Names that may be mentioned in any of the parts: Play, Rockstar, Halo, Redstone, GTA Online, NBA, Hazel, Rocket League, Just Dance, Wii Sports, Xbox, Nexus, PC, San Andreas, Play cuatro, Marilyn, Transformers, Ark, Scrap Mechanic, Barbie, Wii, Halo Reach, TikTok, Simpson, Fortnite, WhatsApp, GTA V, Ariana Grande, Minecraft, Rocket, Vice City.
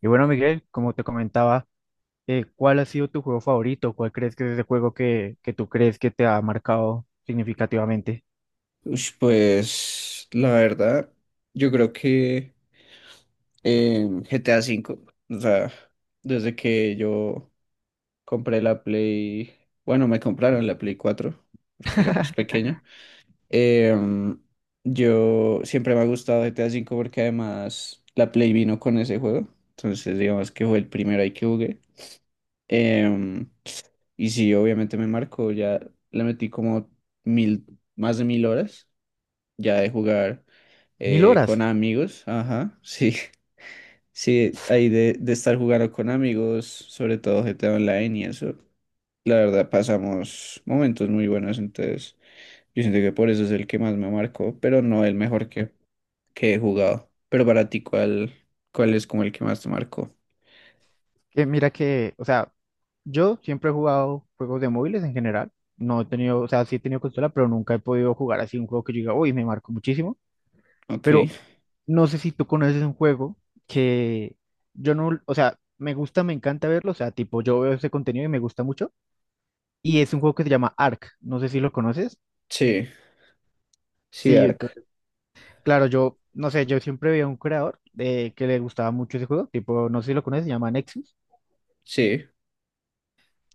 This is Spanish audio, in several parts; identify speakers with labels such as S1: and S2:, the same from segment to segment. S1: Y bueno, Miguel, como te comentaba, ¿cuál ha sido tu juego favorito? ¿Cuál crees que es ese juego que tú crees que te ha marcado significativamente?
S2: Ush, pues la verdad, yo creo que GTA cinco, o sea, desde que yo compré la Play, bueno, me compraron la Play cuatro porque era más pequeño. em, yo siempre me ha gustado GTA cinco porque además la Play vino con ese juego, entonces digamos que fue el primero ahí que jugué. em, y sí, obviamente me marcó, ya le metí como mil, más de mil horas, ya de jugar
S1: Mil horas.
S2: con amigos. Ajá, sí, sí, ahí de estar jugando con amigos, sobre todo GTA Online y eso. La verdad pasamos momentos muy buenos, entonces yo siento que por eso es el que más me marcó, pero no el mejor que he jugado. Pero para ti, cuál es como el que más te marcó?
S1: Que mira que, o sea, yo siempre he jugado juegos de móviles en general. No he tenido, o sea, sí he tenido consola, pero nunca he podido jugar así un juego que yo diga, uy, me marcó muchísimo. Pero
S2: Ok.
S1: no sé si tú conoces un juego que yo no, o sea, me gusta, me encanta verlo. O sea, tipo, yo veo ese contenido y me gusta mucho. Y es un juego que se llama Ark. No sé si lo conoces.
S2: Sí, sí,
S1: Sí,
S2: Ark.
S1: claro, yo, no sé, yo siempre veía un creador de, que le gustaba mucho ese juego, tipo, no sé si lo conoces, se llama Nexus.
S2: Sí,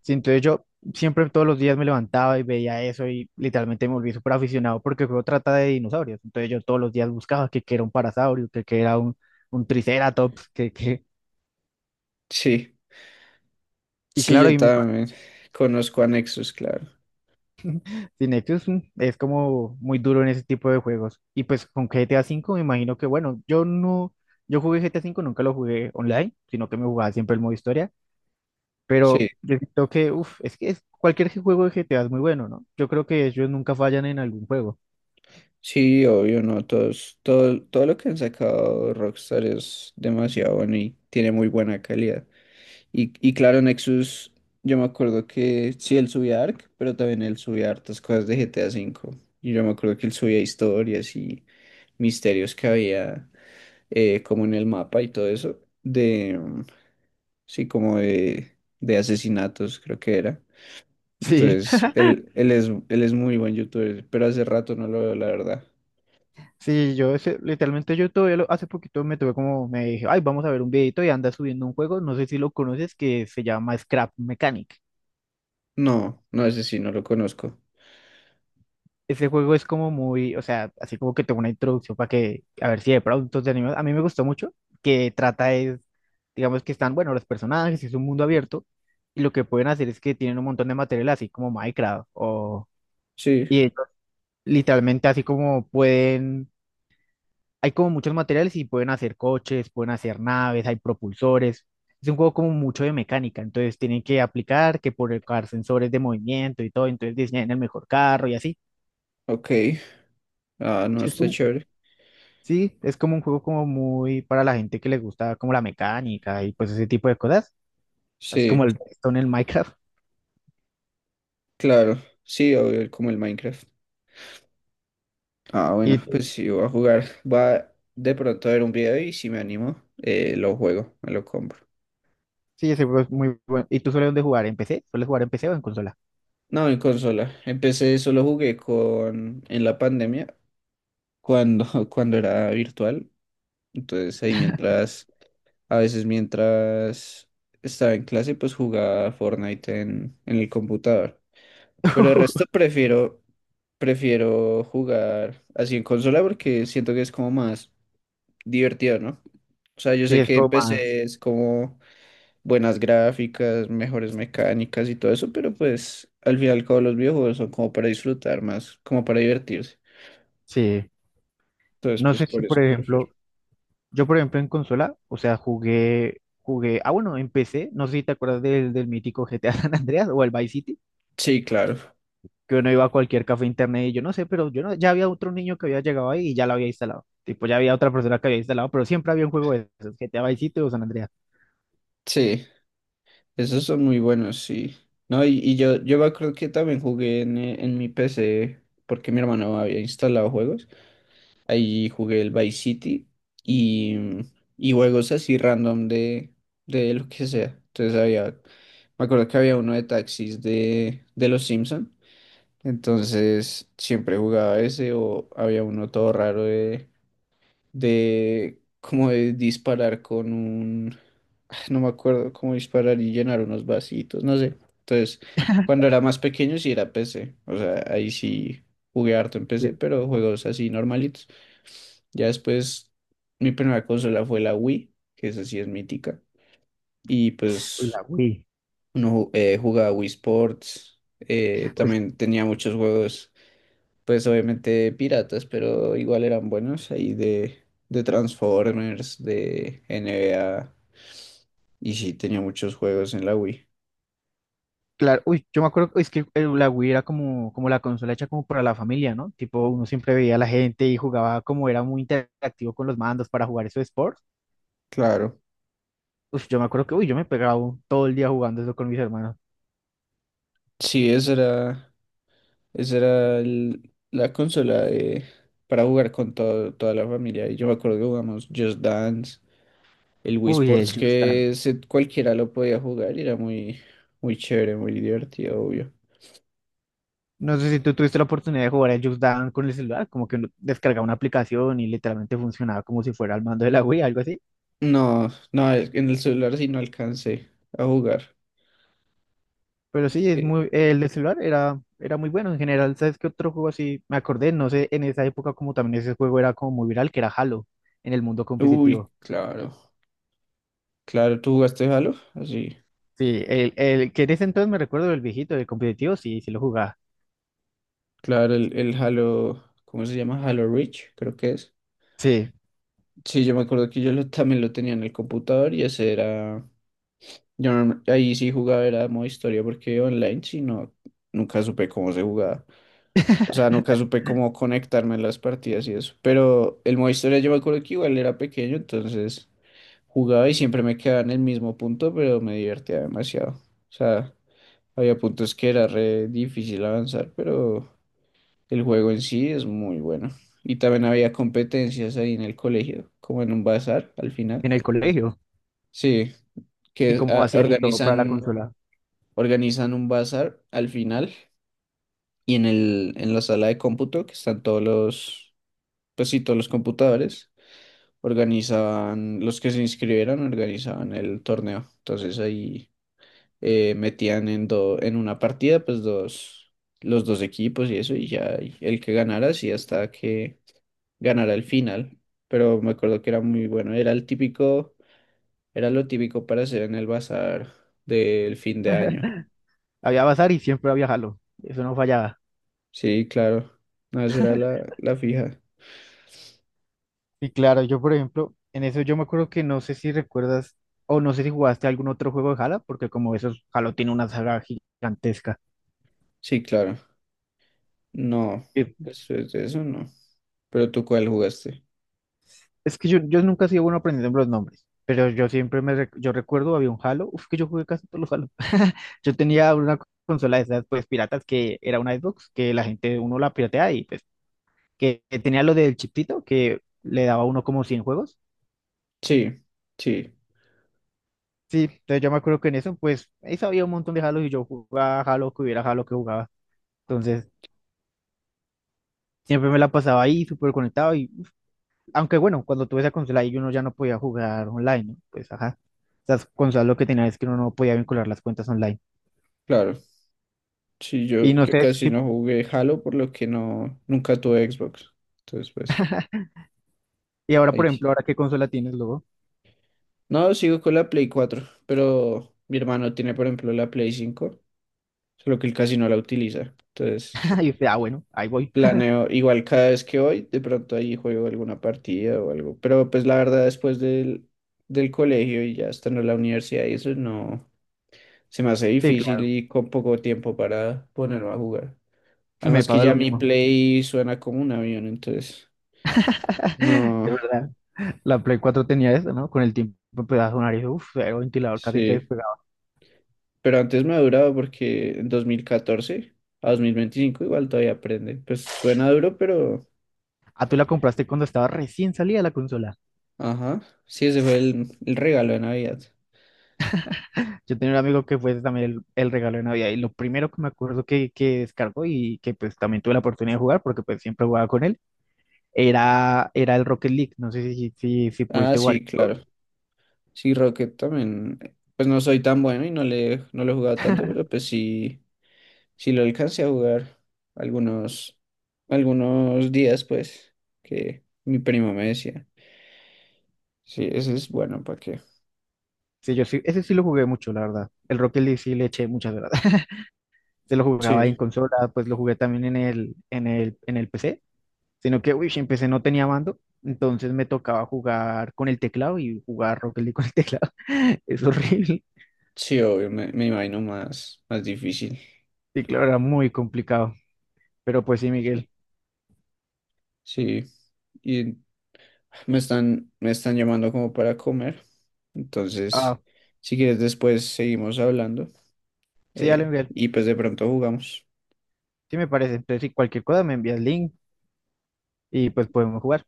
S1: Sí, entonces yo siempre todos los días me levantaba y veía eso y literalmente me volví súper aficionado porque el juego trata de dinosaurios. Entonces yo todos los días buscaba que era un parasaurio, que era un triceratops, que...
S2: sí,
S1: Y
S2: sí,
S1: claro,
S2: yo
S1: y me imagino
S2: también conozco a Nexus, claro.
S1: que Nexus es como muy duro en ese tipo de juegos. Y pues con GTA V me imagino que, bueno, yo no, yo jugué GTA V, nunca lo jugué online, sino que me jugaba siempre el modo historia.
S2: Sí.
S1: Pero yo creo que, uff, es que cualquier juego de GTA es muy bueno, ¿no? Yo creo que ellos nunca fallan en algún juego.
S2: Sí, obvio, no, todos, todo, todo lo que han sacado Rockstar es demasiado bueno y tiene muy buena calidad. Y claro, Nexus, yo me acuerdo que sí, él subía Ark, pero también él subía hartas cosas de GTA V. Y yo me acuerdo que él subía historias y misterios que había, como en el mapa y todo eso, de, mm, sí, como de asesinatos, creo que era.
S1: Sí,
S2: Entonces, él es muy buen youtuber, pero hace rato no lo veo, la verdad.
S1: sí, yo literalmente yo todavía hace poquito me dije, ay, vamos a ver un videito y anda subiendo un juego, no sé si lo conoces, que se llama Scrap Mechanic.
S2: No, no, ese sí, no lo conozco.
S1: Ese juego es como muy, o sea, así como que tengo una introducción para que, a ver si de pronto te animas. A mí me gustó mucho, que trata es, digamos que están, bueno, los personajes, es un mundo abierto, y lo que pueden hacer es que tienen un montón de material así como Minecraft o...
S2: Sí,
S1: Literalmente, así como pueden, hay como muchos materiales y pueden hacer coches, pueden hacer naves, hay propulsores. Es un juego como mucho de mecánica, entonces tienen que aplicar que por colocar sensores de movimiento y todo, entonces diseñan el mejor carro y así.
S2: ok. Ah, no,
S1: Sí, es
S2: está
S1: como,
S2: chévere.
S1: sí, es como un juego como muy para la gente que le gusta como la mecánica y pues ese tipo de cosas, así como
S2: Sí,
S1: el Redstone en el Minecraft.
S2: claro. Sí, obvio, como el Minecraft. Ah, bueno, pues sí, voy a jugar. Va de pronto a ver un video y si me animo, lo juego, me lo compro.
S1: Y sí, ese juego es muy bueno. ¿Y tú sueles dónde jugar? ¿En PC? ¿Sueles jugar en PC o en consola?
S2: No, en consola. Empecé, solo jugué con en la pandemia, cuando, cuando era virtual. Entonces ahí mientras, a veces mientras estaba en clase, pues jugaba Fortnite en el computador. Pero el resto prefiero, prefiero jugar así en consola porque siento que es como más divertido, ¿no? O sea, yo
S1: Sí,
S2: sé
S1: es
S2: que en
S1: como más,
S2: PC es como buenas gráficas, mejores mecánicas y todo eso, pero pues al final todos los videojuegos son como para disfrutar más, como para divertirse.
S1: sí.
S2: Entonces,
S1: No
S2: pues
S1: sé si,
S2: por
S1: por
S2: eso
S1: ejemplo,
S2: prefiero.
S1: yo, por ejemplo, en consola, o sea, jugué, ah, bueno, en empecé, no sé si te acuerdas del mítico GTA San Andreas o el Vice City,
S2: Sí, claro.
S1: que uno iba a cualquier café internet y yo no sé, pero yo no, ya había otro niño que había llegado ahí y ya lo había instalado. Tipo, ya había otra persona que había instalado, pero siempre había un juego de esos, GTA Vice City o San Andreas.
S2: Sí, esos son muy buenos, sí. No, y yo me acuerdo que también jugué en mi PC porque mi hermano había instalado juegos. Ahí jugué el Vice City y, y juegos así random de lo que sea. Entonces había, me acuerdo que había uno de taxis de los Simpson. Entonces siempre jugaba ese o había uno todo raro de como de disparar con un, ah, no me acuerdo cómo disparar y llenar unos vasitos, no sé. Entonces, cuando era más pequeño sí era PC, o sea, ahí sí jugué harto en PC,
S1: Sí.
S2: pero juegos así normalitos. Ya después mi primera consola fue la Wii, que esa sí es mítica, y
S1: Uy, la
S2: pues
S1: Wii.
S2: uno jugaba Wii Sports,
S1: Uy,
S2: también tenía muchos juegos pues obviamente piratas, pero igual eran buenos ahí de Transformers, de NBA, y sí, tenía muchos juegos en la Wii.
S1: claro, uy, yo me acuerdo, es que la Wii era como, como la consola hecha como para la familia, ¿no? Tipo, uno siempre veía a la gente y jugaba como era muy interactivo con los mandos para jugar esos sports.
S2: Claro,
S1: Uf, yo me acuerdo que, uy, yo me pegaba todo el día jugando eso con mis hermanos.
S2: sí, esa era la consola para jugar con toda la familia. Y yo me acuerdo que jugamos Just Dance, el Wii
S1: Uy, el
S2: Sports,
S1: Just Dance.
S2: que cualquiera lo podía jugar y era muy, muy chévere, muy divertido, obvio.
S1: No sé si tú tuviste la oportunidad de jugar el Just Dance con el celular, como que uno descargaba una aplicación y literalmente funcionaba como si fuera el mando de la Wii, algo así.
S2: No, no, en el celular sí no alcancé a jugar.
S1: Pero sí, es
S2: Eh,
S1: muy, el de celular era muy bueno en general. ¿Sabes qué otro juego así? Me acordé, no sé, en esa época como también ese juego era como muy viral, que era Halo en el mundo
S2: Uy,
S1: competitivo.
S2: claro. Claro, ¿tú jugaste Halo? Así.
S1: Sí, el que en ese entonces me recuerdo del viejito, del competitivo, sí, sí lo jugaba.
S2: Claro, el Halo, ¿cómo se llama? Halo Reach, creo que es.
S1: Sí,
S2: Sí, yo me acuerdo que yo también lo tenía en el computador y ese era... Yo no- ahí sí jugaba, era modo historia, porque online sí no, nunca supe cómo se jugaba. O sea, nunca supe cómo conectarme en las partidas y eso. Pero el modo historia yo me acuerdo que igual era pequeño, entonces jugaba y siempre me quedaba en el mismo punto, pero me divertía demasiado. O sea, había puntos que era re difícil avanzar, pero... El juego en sí es muy bueno. Y también había competencias ahí en el colegio, como en un bazar al final.
S1: en el colegio.
S2: Sí,
S1: Y
S2: que
S1: como hacían y todo para la consola.
S2: organizan un bazar al final y en el, en la sala de cómputo, que están todos los, pues sí, todos los computadores, los que se inscribieron organizaban el torneo. Entonces ahí metían en, en una partida, pues dos, los dos equipos y eso, y ya y el que ganara, sí, hasta que ganara el final, pero me acuerdo que era muy bueno. Era el típico, era lo típico para hacer en el bazar del fin de año.
S1: Había bazar y siempre había jalo. Eso no fallaba.
S2: Sí, claro. No, esa era la, la fija.
S1: Y claro, yo por ejemplo, en eso yo me acuerdo que no sé si recuerdas o no sé si jugaste algún otro juego de Jala, porque como esos Halo tiene una saga gigantesca.
S2: Sí, claro. No,
S1: Eh,
S2: después de eso no. Pero tú cuál jugaste.
S1: Es que yo nunca he sido bueno aprendiendo los nombres, pero yo siempre yo recuerdo había un Halo, uf, que yo jugué casi todos los Halo. Yo tenía una consola de esas pues piratas que era una Xbox, que la gente uno la piratea y pues que tenía lo del chiptito que le daba a uno como 100 juegos.
S2: Sí, sí,
S1: Sí, entonces yo me acuerdo que en eso, pues, ahí sabía un montón de Halo y yo jugaba Halo, que hubiera Halo que jugaba. Entonces, siempre me la pasaba ahí, súper conectado. Y aunque bueno, cuando tuve esa consola ahí, uno ya no podía jugar online, ¿no? Pues, ajá. Esas consolas lo que tenía es que uno no podía vincular las cuentas online.
S2: claro. Sí, yo,
S1: Y no
S2: yo
S1: sé
S2: casi
S1: si,
S2: no jugué Halo, por lo que no, nunca tuve Xbox. Entonces, pues,
S1: y ahora, por
S2: ahí sí.
S1: ejemplo, ahora qué consola tienes luego.
S2: No, sigo con la Play cuatro, pero mi hermano tiene, por ejemplo, la Play cinco, solo que él casi no la utiliza. Entonces,
S1: Y usted, ah, bueno, ahí voy.
S2: planeo, igual cada vez que voy, de pronto ahí juego alguna partida o algo. Pero pues la verdad, después del, del colegio y ya estando en la universidad y eso, no, se me hace
S1: Sí,
S2: difícil
S1: claro,
S2: y con poco tiempo para ponerme a jugar.
S1: me
S2: Además que
S1: pasa
S2: ya
S1: lo
S2: mi
S1: mismo.
S2: play suena como un avión, entonces,
S1: Es
S2: no,
S1: verdad. La Play cuatro tenía eso, ¿no? Con el tiempo empezaba a sonar y uff, era un ventilador casi que
S2: sí.
S1: despegaba.
S2: Pero antes me ha durado porque en 2014 a 2025 igual todavía aprende. Pues suena duro, pero,
S1: Ah, tú la compraste cuando estaba recién salida la consola.
S2: ajá, sí, ese fue el regalo de Navidad.
S1: Yo tenía un amigo que fue también el regalo de Navidad y lo primero que me acuerdo que descargó y que pues también tuve la oportunidad de jugar porque pues siempre jugaba con él era, era el Rocket League. No sé si
S2: Ah,
S1: pudiste jugar.
S2: sí, claro. Sí, Rocket también, pues no soy tan bueno y no le, no lo he jugado tanto, pero pues sí, sí lo alcancé a jugar algunos, algunos días, pues, que mi primo me decía. Sí, ese es bueno, ¿para qué?
S1: Sí, yo sí, ese sí lo jugué mucho, la verdad. El Rocket League sí le eché muchas horas. Se lo jugaba en
S2: Sí,
S1: consola, pues lo jugué también en el PC, sino que, uy, en PC no tenía mando, entonces me tocaba jugar con el teclado y jugar Rocket League con el teclado. Es horrible.
S2: sí, obvio, me imagino más, más difícil.
S1: Y claro, era muy complicado. Pero pues sí,
S2: Sí,
S1: Miguel.
S2: sí, y me están llamando como para comer,
S1: Ah.
S2: entonces, si quieres después seguimos hablando
S1: Sí, ya lo envié.
S2: y pues de pronto jugamos.
S1: Sí, me parece. Entonces, si cualquier cosa me envías link y pues podemos jugar.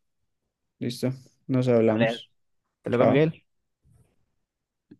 S2: ¿Listo? Nos
S1: Vale.
S2: hablamos.
S1: Hasta luego,
S2: Chao.
S1: Miguel.